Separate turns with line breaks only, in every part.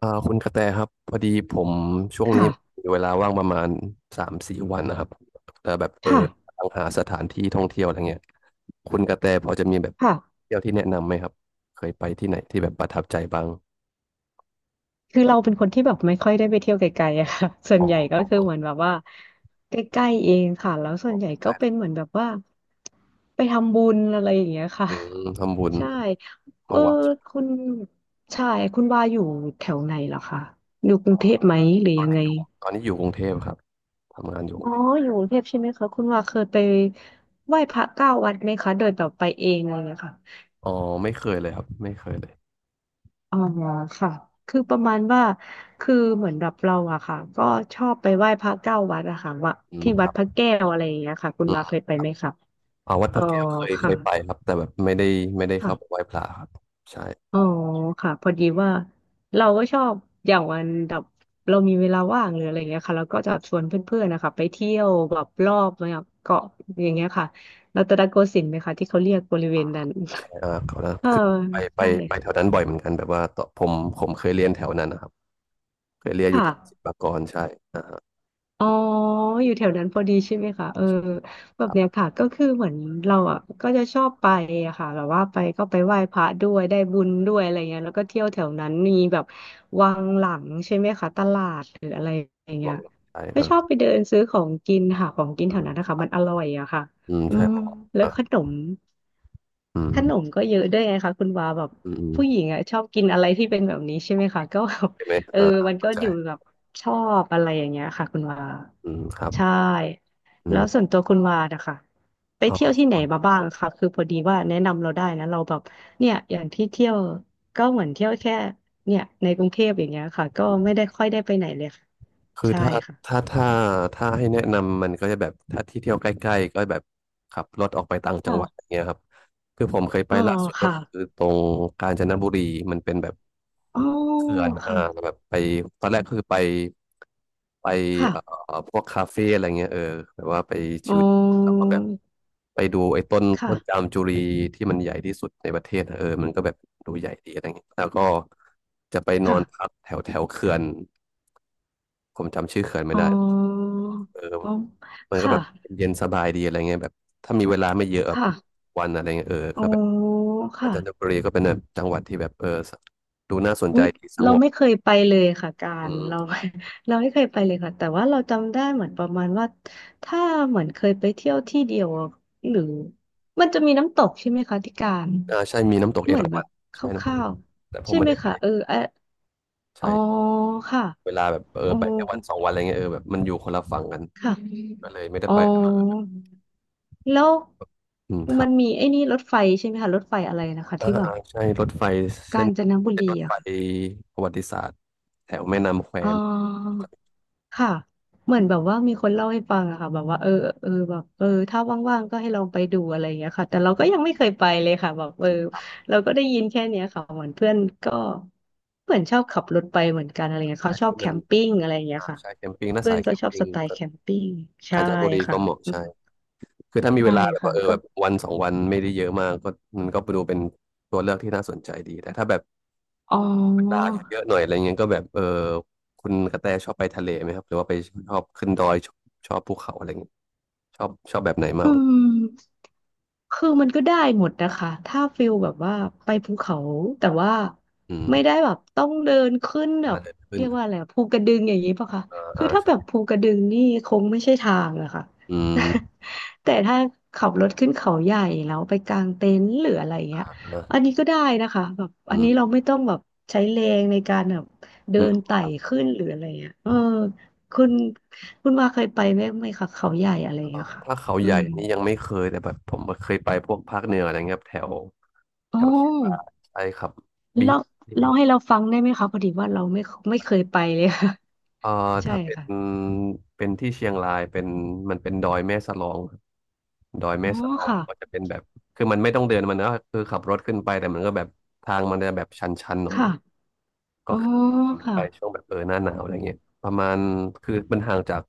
คุณกระแตครับพอดีผมช่วงนี้
ค่ะ
มีเวลาว่างประมาณ3-4วันนะครับแต่แบบ
ค่ะ
ตามหาสถานที่ท่องเที่ยวอะไรเงี้ยคุณกระแตพอจะมีแบบ
ค่ะ
เที่ยวที่แนะนำไหมครับเคยไปที่ไหนที่แบบประทับใจบ้าง
คือเราเป็นคนที่แบบไม่ค่อยได้ไปเที่ยวไกลๆอะค่ะ ส่วน
อ๋
ใหญ่
อ
ก็คือเหมือนแบบว่าใกล้ๆ เองค่ะแล้วส่วนใหญ่ก็เป็น
ได้
เหมือนแบบว่าไปทำบุญอะไรอย่างเงี้ยค่ะ
อืมทำบุญ
ใช่เอ
เข้า
อ
วัด
คุณใช่คุณว่าอยู่แถวไหนเหรอคะอยู่กรุงเทพไหมหรือ
ตอ
ยั
น
ง
นี้
ไง
อยู่ตอนนี้อยู่กรุงเทพครับทำงานอยู่กรุ
อ๋
ง
อ
เทพ
อยู่กรุงเทพใช่ไหมคะคุณว่าเคยไปไหว้พระเก้าวัดไหมคะโดยแบบไปเองอะไรงเลยค่ะ
อ๋อไม่เคยเลยครับไม่เคยเลย
อ๋อค่ะคือประมาณว่าคือเหมือนแบบเราอะค่ะก็ชอบไปไหว้พระเก้าวัดอะค่ะว่า
อืม
ที่
ค
วัด
รับ
พระแก้วอะไรอย่างเงี้ยค่ะคุณ
อื
มาเค
ม
ยไปไหมคะ
วัดพ
อ๋อ
ระแก้วเคยเค
ค่ะ
ยไปครับแต่แบบไม่ได้เข้า
ค่ะ
ไปไหว้พระครับใช่
อ๋อค่ะพอดีว่าเราก็ชอบอย่างวันแบบเรามีเวลาว่างหรืออะไรอย่างเงี้ยค่ะเราก็จะชวนเพื่อนๆนะคะไปเที่ยวแบบรอบแบบเกาะอย่างเงี้ยค่ะรัตนโกสินทร์ไหมคะที่เขาเรียกบริเวณนั้น
เอ่าเขานะ
เออ
คือไปไป
ใช่
ไปแถวนั้นบ่อยเหมือนกันแบบว่าตอนผมเคยเรียนแถวนั้นนะครับเคยเรียนอยู่แถวศิ
ค่ะ
ลปากรใช่อ่าฮะ
อ๋ออยู่แถวนั้นพอดีใช่ไหมคะเออแบ
ค
บ
รับ
เนี้ยค่ะก็คือเหมือนเราอ่ะก็จะชอบไปอะค่ะแบบว่าไปก็ไปไหว้พระด้วยได้บุญด้วยอะไรเงี้ยแล้วก็เที่ยวแถวนั้นมีแบบวังหลังใช่ไหมคะตลาดหรืออะไรอย่างเงี้
วั
ย
งหลังใช่ค
ก็
รั
ชอบ
บ
ไปเดินซื้อของกินค่ะของกิน
อื
แถวนั้น
ม
นะคะมันอร่อยอะค่ะ
อ
อื
ใช่
ม
ครับ
แล้ว
อ่ะ
ขนม
อื
ข
ม
นมก็เยอะด้วยไงคะคุณวาแบบ
อืมอืม
ผู้หญิงอ่ะชอบกินอะไรที่เป็นแบบนี้ใช่ไหมคะก็แบบ
เห็นไหม
เออ
อ่าอ่า
มันก็
เข้าใจ
อยู่แบบชอบอะไรอย่างเงี้ยค่ะคุณวา
อืมครับ
ใช่
อื
แล้วส่ว
ม
นตัวคุณวานะคะไป
อ๋
เที่ยวที่ไหน
อ
มาบ้างคะคือพอดีว่าแนะนำเราได้นะเราแบบเนี่ยอย่างที่เที่ยวก็เหมือนเที่ยวแค่เนี่ยในกรุงเทพอย่างเงี้ยค่ะก็
อื
ไม่
ม
ได้ค่อยได้ไปไหนเลยค่ะ
คือ
ใช่
ถ้า
ค่ะ
ถ้าถ้าให้แนะนำมันก็จะแบบถ้าที่เที่ยวใกล้ๆก็แบบขับรถออกไปต่างจั
ค่ะ
งหวัดอย่างเงี้ยครับคือผมเคยไป
อ๋อ
ล่าสุดก็
ค่ะ
คือตรงกาญจนบุรีมันเป็นแบบ
อ๋อ
เขื่อน
ค่ะ
แบบไปตอนแรกคือไปเอ่อ
ค่ะ
พวกคาเฟ่อะไรเงี้ยแบบว่าไปชิ
อ๋อ
วแล้วก็แบบไปดูไอ้ต้นจา
ค่ะ
มจุรีที่มันใหญ่ที่สุดในประเทศอะมันก็แบบดูใหญ่ดีอะไรเงี้ยแล้วก็จะไปนอนพั
ค่ะ
กแถวแถวเขื่อนผมจำชื่อเขื่อนไม่
อ๋อ
ได้เออ
อ๋อ
มันก็
ค่ะ
แบบเย็นสบายดีอะไรเงี้ยแบบถ้ามีเวลาไม่เยอะแบบ
ค่ะ
วันอะไรเงี้ย
อ๋อ
ก็แบบอา
ค่ะ
จารย์บุรีก็เป็นแบบจังหวัดที่แบบดูน่าสน
อุ้
ใจ
ย
ดีส
เรา
งบ
ไม่เคยไปเลยค่ะกา
อื
ร
ม
เรา เราไม่เคยไปเลยค่ะ แต่ว่าเราจำได้เหมือนประมาณว่าถ้าเหมือนเคยไปเที่ยวที่เดียวอะหรือมันจะมีน้ำตกใช่ไหมคะที่การ
อ่าใช่มีน้ำตกเอ
เหมือน
รา
แบ
วั
บ
ณ
ค
ใช่น้ำตก
ร่า
เอ
ว
ราวัณแต่
ๆ
ผม
ใช่
ไม่
ไหม
ได้ไป
คะเออเอะอ๋อ
ใช่
ค่ะ
เวลาแบบ
อ๋อ
ไปแค่วันสองวันอะไรเงี้ยแบบมันอยู่คนละฝั่งกัน
ค่ะ
ก็เลยไม่ได้
อ๋อ
ไป
แล้ว
อืมครั
มั
บ
นมีไอ้นี่รถไฟใช่ไหมคะรถไฟอะไรนะคะ
อ่า
ที่แบบ
อ่าใช่รถไฟเส้
กา
น
ญจนบุ
เส้นร
รี
ถไฟ
อะค่ะ
ประวัติศาสตร์แถวแม่น้ำแคว
อ่า
มนจะ
ค่ะเหมือนแบบว่ามีคนเล่าให้ฟังอะค่ะแบบว่าเออเออแบบเออถ้าว่างๆก็ให้ลองไปดูอะไรอย่างเงี้ยค่ะแต่เราก็ยังไม่เคยไปเลยค่ะแบบเออ
มีครับ
เราก็ได้ยินแค่เนี้ยค่ะเหมือนเพื่อนก็เหมือนชอบขับรถไปเหมือนกันอะไรเงี้ย
ใช่
เขาชอ
คื
บ
อ
แค
มัน
มปิ้งอะไรอย่างเงี้ย
อ่า
ค่ะ
ใช่แคมปิ้งน่า
เพื่อ
สา
น
ยแค
ก็
ม
ชอบ
ปิ้
ส
ง
ไตล์
ก็
แคมปิ้งใช่
กาญจนบุรีก็
ค่ะ
เหมาะ
อื
ใช่
ม
คือถ้ามีเว
ใช่
ลาแบบ
ค่ะ
ว่า
ก็
แบบวันสองวันไม่ได้เยอะมากก็มันก็ไปดูเป็นตัวเลือกที่น่าสนใจดีแต่ถ้าแบบ
อ๋อ
เลาเยอะๆหน่อยอะไรเงี้ยก็แบบคุณกระแตชอบไปทะเลไหมครับหรือว่าไปชอบขึ้นดอยชอบภูเขาอะไรเงี้ยชอบแบบไหนมาก
อื
กว่า
ม คือมันก็ได้หมดนะคะ ถ้าฟิลแบบว่าไปภูเขาแต่ว่า
อืม
ไม่ได้แบบต้องเดินขึ้นแบ
อ่า
บ
เดินขึ้น
เรียกว่าอะไรอะภูกระดึงอย่างนี้ปะคะ
อ่า
คื
อ่า
อถ้าแบบ
ใช่
ภูกระดึงนี่คงไม่ใช่ทางอะค่ะ
อืม
แต่ถ้าขับรถขึ้นเขาใหญ่แล้วไปกางเต็นท์หรืออะไรเงี้ย
อ่า
อันนี้ก็ได้นะคะแบบอั
อื
น
ม
นี้เราไม่ต้องแบบใช้แรงในการแบบเดิ
อืม
นไต่ขึ้นหรืออะไรเงี้ยเออคุณคุณว่าเคยไปไหมไหมคะเขาใหญ่อะไรอะค่ะ
ถ้าเขา
อื
ใหญ่
ม
นี่ยังไม่เคยแต่แบบผมเคยไปพวกภาคเหนืออะไรเงี้ยครับแถว
อ๋
แถ
อ
วเชียงรายใช่ครับบี
เล่าเล่าให้เราฟังได้ไหมคะพอดีว่าเราไม่เคยไปเลยค่ะ
เอ่อ
ใช่
ถ้าเป็น
ค่ะ
เป็นที่เชียงรายเป็นมันเป็นดอยแม่สลองครับดอย
อ๋
แม่
อ
สลอง
ค่ะ
ก็จะเป็นแบบคือมันไม่ต้องเดินมันนะคือขับรถขึ้นไปแต่มันก็แบบทางมันจะแบบชันๆหน่อ
ค่ะ
ยก็
อ๋อค่ะ
ไปช่วงแบบหน้าหนาวอะไรเงี้ยประมาณคือมันห่างจาก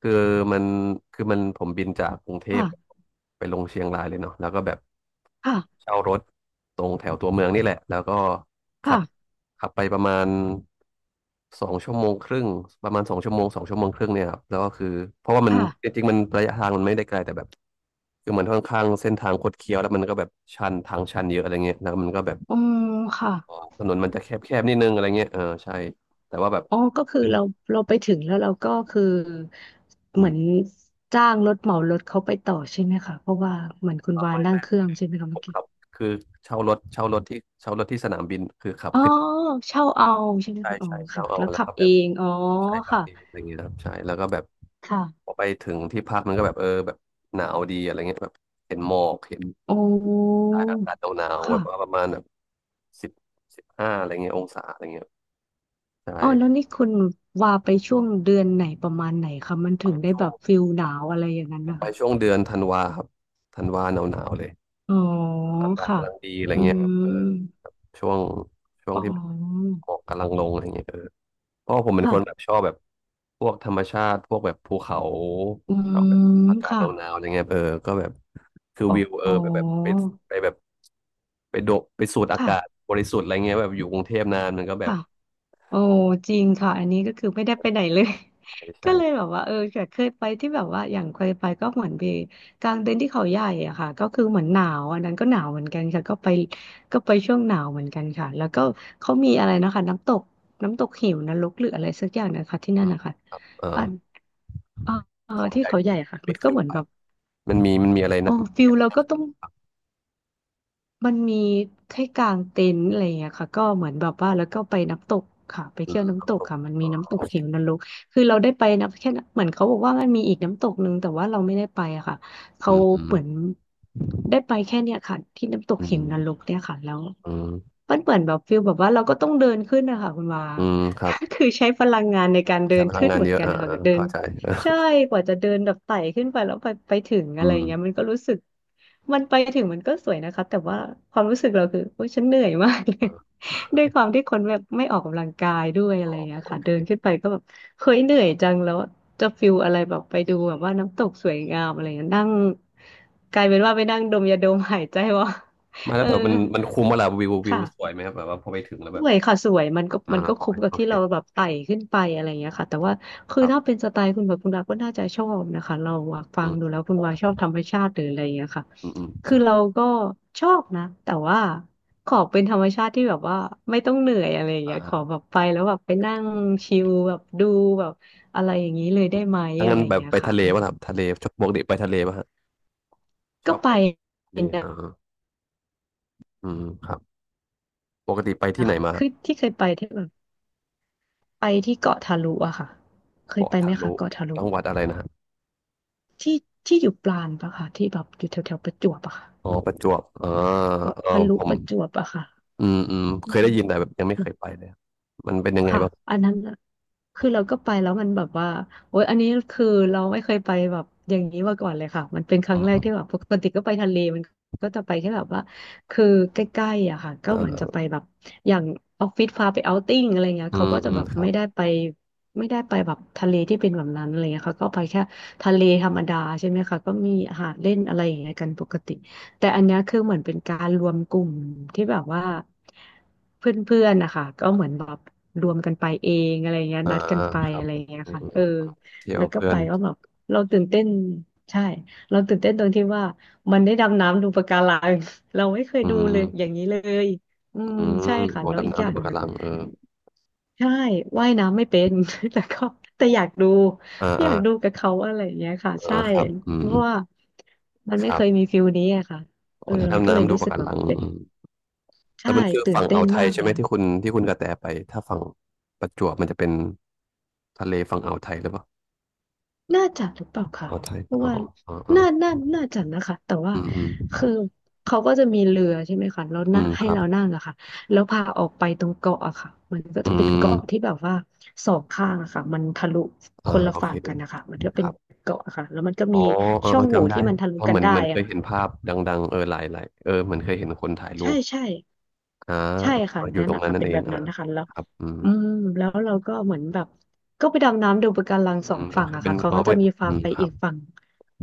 คือมันคือมันผมบินจากกรุงเทพ
ค่ะ
ไปลงเชียงรายเลยเนาะแล้วก็แบบ
ค่ะ
เช่ารถตรงแถวตัวเมืองนี่แหละแล้วก็ขับ
ค่ะ
ขับไปประมาณสองชั่วโมงครึ่งประมาณสองชั่วโมงสองชั่วโมงครึ่งเนี่ยครับแล้วก็คือเพราะว่ามัน
ค่ะ
จริงๆมันระยะทางมันไม่ได้ไกลแต่แบบคือมันค่อนข้างเส้นทางคดเคี้ยวแล้วมันก็แบบชันทางชันเยอะอะไรเงี้ยแล้วมันก็แบบ
อ๋อค่ะ
ถนนมันจะแคบๆนิดนึงอะไรเงี้ยเออใช่แต่ว่าแบบ
อ๋อก็คือ
ขึ้น
เราไปถึงแล้วเราก็คือ
อื
เหมื
ม
อนจ้างรถเหมารถเขาไปต่อใช่ไหมคะเพราะว่าเหมือนคุณ
อ๋อ
วาน
ไม่
นั่ง
ไม่
เครื่องใช่ไหมคะ
ผ
เมื่
ม
อกี้
ขับคือเช่ารถที่สนามบินคือขับ
อ๋อ
ขึ้น
เช่าเอาใช่ไหม
ใช่
คะอ๋อ
ใช่เช่า
ค่ะ
เอา
แล้ว
แล้ว
ขั
ก็
บ
แบ
เอ
บ
งอ๋อ
ใช่ขับ
ค่ะ
เองอะไรเงี้ยครับใช่ แล้วก็แบบพ
ค่ะ
อไปถึงที่พักมันก็แบบแบบหนาวดีอะไรเงี้ยแบบเห็นหมอกเห็น
อ๋อ
อากาศหนาวๆ
ค่ะ
แบบว่าประมาณแบบสิบ15อะไรเงี้ยองศาอะไรเงี้ยใช่
อ๋อแล้วนี่คุณว่าไปช่วงเดือนไหนประมาณไหนคะมัน
ไป
ถึงได้
ช่
แบ
วง
บฟิลหนาวอะไรอย่างนั้น
ผม
นะ
ไป
คะ
ช่วงเดือนธันวาครับธันวาหนาวๆเลย
อ๋อ
อากาศ
ค่ะ
กำลังดีอะไร
อื
เงี้ยแบบ
ม
เออ ช่วงช่วง
อ๋อ
ที่แบบหมอกกำลังลงอะไรเงี้ยเพราะว่าผมเป็นคนแบบ
ค่ะ
ชอบแบบพวกธรรมชาติพวกแบบภูเขา
อื
ชอบแบบ
ม
อากาศห
ค่ะ
นาวๆอะไรเงี้ยก็แบบคือ
อ
วิวเอ
๋
อ
อ
แบบแบบไปแบบไปโดดไปสูดอา
ค่ะ
กาศบริสุทธิ์อะไรเงี้ยแบบอยู่กรุงเทพนานมันก็แบบ
ค่ะ โอ้จริงค่ะอันนี้ก็คือไม่ได้ไปไหนเลย
ใช่
ก็
ใช่
เลยแบบว่าเออแต่เคยไปที่แบบว่าอย่างเคยไปก็เหมือนไปกลางเต็นท์ที่เขาใหญ่อะค่ะก็คือเหมือนหนาวอันนั้นก็หนาวเหมือนกันค่ะก็ไปช่วงหนาวเหมือนกันค่ะแล้วก็เขามีอะไรนะคะน้ำตกเหวนรกหรืออะไรสักอย่างนะคะที่นั่
อื
น
ม
นะคะ
เออ
อันเออเออ
เขา
ที่
ใหญ่
เขา
ผ
ใหญ่
ม
ค่ะมั
ไม่
น
เค
ก็
ย
เหมือน
ไป
แบบ
มันมีอะไร
โอ้
นะมันมี
ฟิล
อะไร
เรา
นะ
ก็ต้อง มันมีแค้กางเต็นท์อะไรอย่างเงี้ยค่ะก็เหมือนแบบว่าแล้วก็ไปน้ำตกค่ะไป
อื
เที่ยว
มครั
น้ำ
บ
ต
ผ
ก
ม
ค่ะมัน
เอ
มี
อ
น้ำต
โอ
ก
เค
เหวนรกคือเราได้ไปนะแค่นั้นเหมือนเขาบอกว่ามันมีอีกน้ำตกหนึ่งแต่ว่าเราไม่ได้ไปอะค่ะ
อื
เขาเห
ม
มือนได้ไปแค่เนี้ยค่ะที่น้ำตก
อืม
เห
อื
ว
ม
นรกเนี่ยค่ะแล้ว
อืม
มันเหมือนแบบฟิลแบบว่าเราก็ต้องเดินขึ้นนะคะคุณวา
อืมค รั
ก็
บ
คือใช้พลังงานในการเดิ
ใช้
น
พลัง
ขึ้น
งาน
เหมือ
เย
น
อะ
กัน
อ่า
นะคะ
อ่า
เดิน
เข้าใจ
ใช่กว่าจะเดินแบบไต่ขึ้นไปแล้วไปถึง
อื
อะไร
ม
เงี้ยมันก็รู้สึกมันไปถึงมันก็สวยนะคะแต่ว่าความรู้สึกเราคือโอ้ยฉันเหนื่อยมากเล
เอ
ย
อ
ด้วยความที่คนแบบไม่ออกกำลังกายด้วยอะไรเงี้ย
โอ
ค่ะเดิ
เค
นขึ้นไปก็แบบเคยเหนื่อยจังแล้วจะฟิลอะไรแบบไปดูแบบว่าน้ำตกสวยงามอะไรเงี้ยนั่งกลายเป็นว่าไปนั่งดมยาดมหายใจว่า
มา แล้
เอ
ว
อ
แต่มันคุ้มมาละวิว
ค่ะ
สวยไหมครับแบบว่าพอไปถึงแล้ว
ส
แบบ
วยค่ะสวยมันก็
อ่า
มันก็
สว
คุ้ม
ย
กับ
โอ
ที่
เค
เราแบบไต่ขึ้นไปอะไรอย่างเงี้ยค่ะแต่ว่าคื
ค
อ
รั
ถ้าเป็
บ
นสไตล์คุณแบบคุณดาก็น่าจะชอบนะคะเราอะฟั
อื
งดู
ม
แล้วคุณวาชอบธรรมชาติหรืออะไรอย่างเงี้ยค่ะ
อืมอืมค
คือ
รับ
เราก็ชอบนะแต่ว่าขอเป็นธรรมชาติที่แบบว่าไม่ต้องเหนื่อยอะไรอย่างเงี้ยข
อ่า
อแบบไปแล้วแบบไปนั่งชิลแบบดูแบบอะไรอย่างนี้เลยได้ไหม
ถ้า
อะ
งั้
ไร
น
อย่า
แบ
ง
บ
เงี้ย
ไป
ค่ะ
ทะเลป่ะครับทะเลชอบปกติไปทะเลป่ะฮะช
ก็
อบ
ไป
ไปทะเล
น
อ่าอืมครับปกติไปที่
ะ
ไหน
คะ
มา
คือที่เคยไปที่แบบไปที่เกาะทาลุอะค่ะเคย
เกาะ
ไปไหม
ทะ
คะ
ลุ
เกาะทาลุ
จังหวัดอะไรนะฮะ
ที่ที่อยู่ปราณปะค่ะที่แบบอยู่แถวแถวประจวบอะค่ะ
อ๋อประจวบอ่า
เกาะ
เออ
ทะลุ
ผ
ป
ม
ระจวบอะค่ะ
อืมอืมเค
อื
ยได้ยินแต่แบบยั
ม
งไม่เคยไปเลยอะมันเป็นยังไง
ค่ะ
บ้าง
อันนั้นน่ะคือเราก็ไปแล้วมันแบบว่าโอ๊ยอันนี้คือเราไม่เคยไปแบบอย่างนี้มาก่อนเลยค่ะมันเป็นค
อื
รั้งแรก
ม
ที่แบบปกติก็ไปทะเลมันก็จะไปแค่แบบว่าคือใกล้ๆอะค่ะก็
อ่
เหมือนจะ
า
ไปแบบอย่างออฟฟิศพาไปเอาท์ติ้งอะไรเงี้ย
อื
เขา
ม
ก็จะ
อืม
แบบ
ครั
ไม่
บ
ได้ไปไม่ได้ไปแบบทะเลที่เป็นแบบนั้นอะไรเงี้ยเขาก็ไปแค่ทะเลธรรมดาใช่ไหมคะก็มีหาดเล่นอะไรอย่างเงี้ยกันปกติ แต่อันเนี้ยคือเหมือนเป็นการรวมกลุ่มที่แบบว่าเพื่อนๆนะคะก็เหมือนแบบรวมกันไปเองอะไรเงี้ย
อ่า
นัดกันไป
ครั
อะ
บ
ไรเงี้ย
อื
ค่ะ
ม
เออ
เที่ยว
แล้วก็
เพื่อ
ไป
น
ว่าแบบเราตื่นเต้นใช่เราตื่นเต้นตรงที่ว่ามันได้ดำน้ำดูปะการัง เราไม่เคย
อื
ดูเลยอย่า
ม
งนี้เลยอืม
อืม
ใช่ค่ะ
อ๋อ
แล้วอี
ดำ
กอ
น้ำดู
ย่าง
ปะ
ห
กา
นึ่ง
รังเออ
ใช่ว่ายน้ำไม่เป็น แต่ก็แต่อยากดู
อ่า
อ
อ่า
ยากดูกับเขาอะไรอย่างเงี้ยค่ะ ใช่
อ่าครับอื
เพ
ม
ราะว่ามัน
ค
ไม่
รั
เค
บ
ยมีฟิลนี้อะค่ะ
อ๋
เอ
อ
อ
ถ้า
เรา
ดำ
ก็เลย
น้ำดู
รู้สึ
ปะ
ก
กา
แบบ
รัง
เป็น
อืมแต่
ใช่
มันคือ
ตื่น
ฝั่ง
เต้
อ่า
น
วไทย
มาก
ใช่ไห
เล
ม
ย
ที่คุณกระแตไปถ้าฝั่งประจวบมันจะเป็นทะเลฝั่งอ่าวไทยหรือเปล่า
น่าจะหรือเปล่าค่ะ
อ่าวไทย
เพราะ
อ๋อ
ว่า
อ๋ออ๋อ
น่าจะนะคะแต่ว่า
อืมอืม
คือเขาก็จะมีเรือใช่ไหมคะแล้ว
อื
น่ะ
ม
ให้
ครับ
เรานั่งอะค่ะแล้วพาออกไปตรงเกาะอะค่ะ มันก็
อื
จะเป็นเกาะ
ม
ที่แบบว่าสองข้างอะค่ะมันทะลุค
อ่า
นละ
โอเค
ฝั่งกันนะคะมันก็
ค
เป็น
รับ
เกาะอะค่ะ แล้วมันก็
อ๋
มี
อเออ
ช่อ
เอ
ง
อ
โหว่
จำได้
ที่มันทะลุ
เพราะ
กั
เห
น
มือน
ได้
มันเค
อะ
ยเห็นภาพดังๆเออหลายหลายเออเหมือนเคยเห็นคนถ่ายรู
ใช่
ป
ใช่
อ่า
ใช่ค่ะ
อยู่
นั่น
ตรง
อะ
นั้น
ค่ะ
นั่น
เป็น
เอ
แบ
ง
บ
อ่า
นั้นนะคะแล้ว
ครับอืม
อืมแล้วเราก็เหมือนแบบก็ไปดำน้ำดูปะการังสอ
อื
ง
มก็
ฝั่ง
คือ
อะ
เป็น
ค่ะเขา
อ๋อ
ก็จะ
เป็น
มีพา
อืม
ไป
ครั
อี
บ
กฝั่ง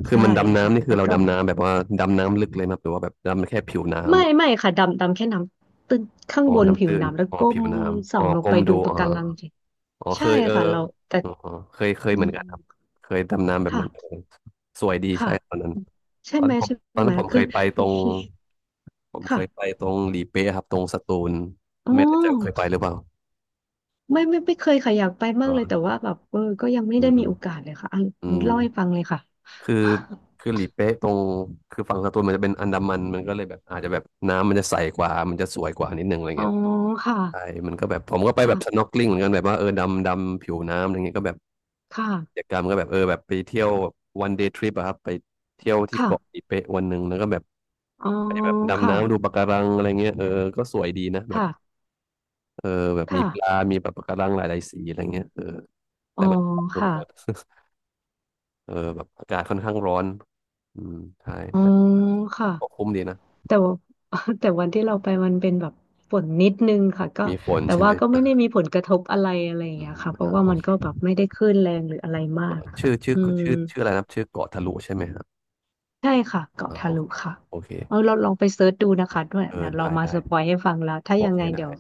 คือ
ใช่
มันดำ
ค่ะ
น้ำนี่คื
แล้
อ
ว
เรา
ก็
ดำน้ำแบบว่าดำน้ำลึกเลยไหมครับหรือว่าแบบดำแค่ผิว
ไม่
น้ำ
ไม่ค่ะดำแค่น้ำตึ้งข้าง
อ๋อ
บนผิ
น้ำ
ว
ตื้น
น้ำแล้ว
อ๋อ
ก้
ผิ
ม
ว
ส่
น้ำ
อ
อ๋อ
งลง
ก้
ไป
ม
ดู
ดู
ปะ
อ๋อ
การังสิ
อ๋อเค
ใช่
ยเออ
ค่ะเราแต่
อ๋อเคยเคย
อื
เหมือน
ม
กันครับเคยดำน้ำแบบ
ค่ะ
นั้นเออสวยดี
ค่ะ
ใช่ตอนนั้น
ใช่
ตอน
ไหม
นั้นผม
ใช่
ตอน
ไหม
นั้นผมเค
คือ
ยไปตรงผมเค
ค่ะ
ยไปตรงหลีเป๊ะครับตรงสตูล
อ๋อ
ไม่แน่ใจว่าเคยไปหรือเปล่า
ไม่เคยค่ะอยากไป
อ๋
มาก
อ
เลยแต่ว่าแบบเออก็ยังไม่
อื
ได้
มอื
มี
ม
โอกาสเลยค่ะอ่ะ
อืม
เล่าให้ฟังเลยค่ะ
คือคือหลีเป๊ะตรงคือฝั่งสตูลมันจะเป็นอันดามันมันก็เลยแบบอาจจะแบบน้ำมันจะใสกว่ามันจะสวยกว่านิดนึงอะไร
อ๋อ
เงี้ย
ค่ะ
ใช่มันก็แบบผมก็ไปแบ
ค่ะ
บ snorkeling เหมือนกันแบบว่าเออดำดำผิวน้ำอะไรเงี้ยก็แบบ
ค
กิจ
่ะ
กรรมก็แบบเออแบบไปเที่ยวแบบ one day trip อะครับไปเที่ยวที่เกาะ
ค่ะ
อีเปะวันหนึ่งแล้วก็แบบ
อ๋อ
ไปแบบดำ
ค่ะ
น้ำดูปะการังอะไรเงี้ยเออก็สวยดีนะแบบ
ค่ะ
เออแบบมีปลา
ค่ะ
มีแบบปะการังหลายๆสีอะไรเงี้ยเออ
อ๋
แต่
อ
มันพอสม
ค่ะ
ควร เออแบบอากาศค่อนข้างร้อนอืมใช่
อ๋อ
แต่
ค่ะ
ก็คุ้มดีนะ
แต่ว่า แต่วันที่เราไปมันเป็นแบบฝนนิดนึงค่ะก็
มีฝน
แต่
ใช่
ว่า
ไหม
ก็ไม่ได้มีผลกระทบอะไรอะไรอย่าง
อื
เงี้ย
ม
ค่ะเพ
อ่า
ราะว่า
โอ
มัน
เค
ก็แบบไม่ได้คลื่นแรงหรืออะไรมา
เออ
กอะค่ะอืม
ชื่ออะไรนะชื่อเกาะทะลุใช่ไหมครับ
ใช่ค่ะเกาะ
อ่า
ทะ
โอ
ลุ
เค
ค่ะ
โอเค
เอาเราลองไปเซิร์ชดูนะคะด้วย
เออ
นะเรา
ได้
มา
ได้
สปอยให้ฟังแล้วถ้า
โอ
ยัง
เค
ไงเดี๋
ได้
ยว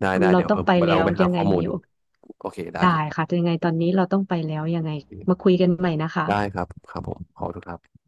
ได้ได้
เรา
เดี๋ยว
ต้อ
เอ
ง
อ
ไป
ผม
แล้
ลอง
ว
ไปหา
ยังไง
ข้อมูล
มี
ดู
โอกาส
โอเคได้
ได้
ครับ
ค่ะยังไงตอนนี้เราต้องไปแล้วยังไงมาคุยกันใหม่นะคะ
ได้ครับครับผมขอบคุณครับ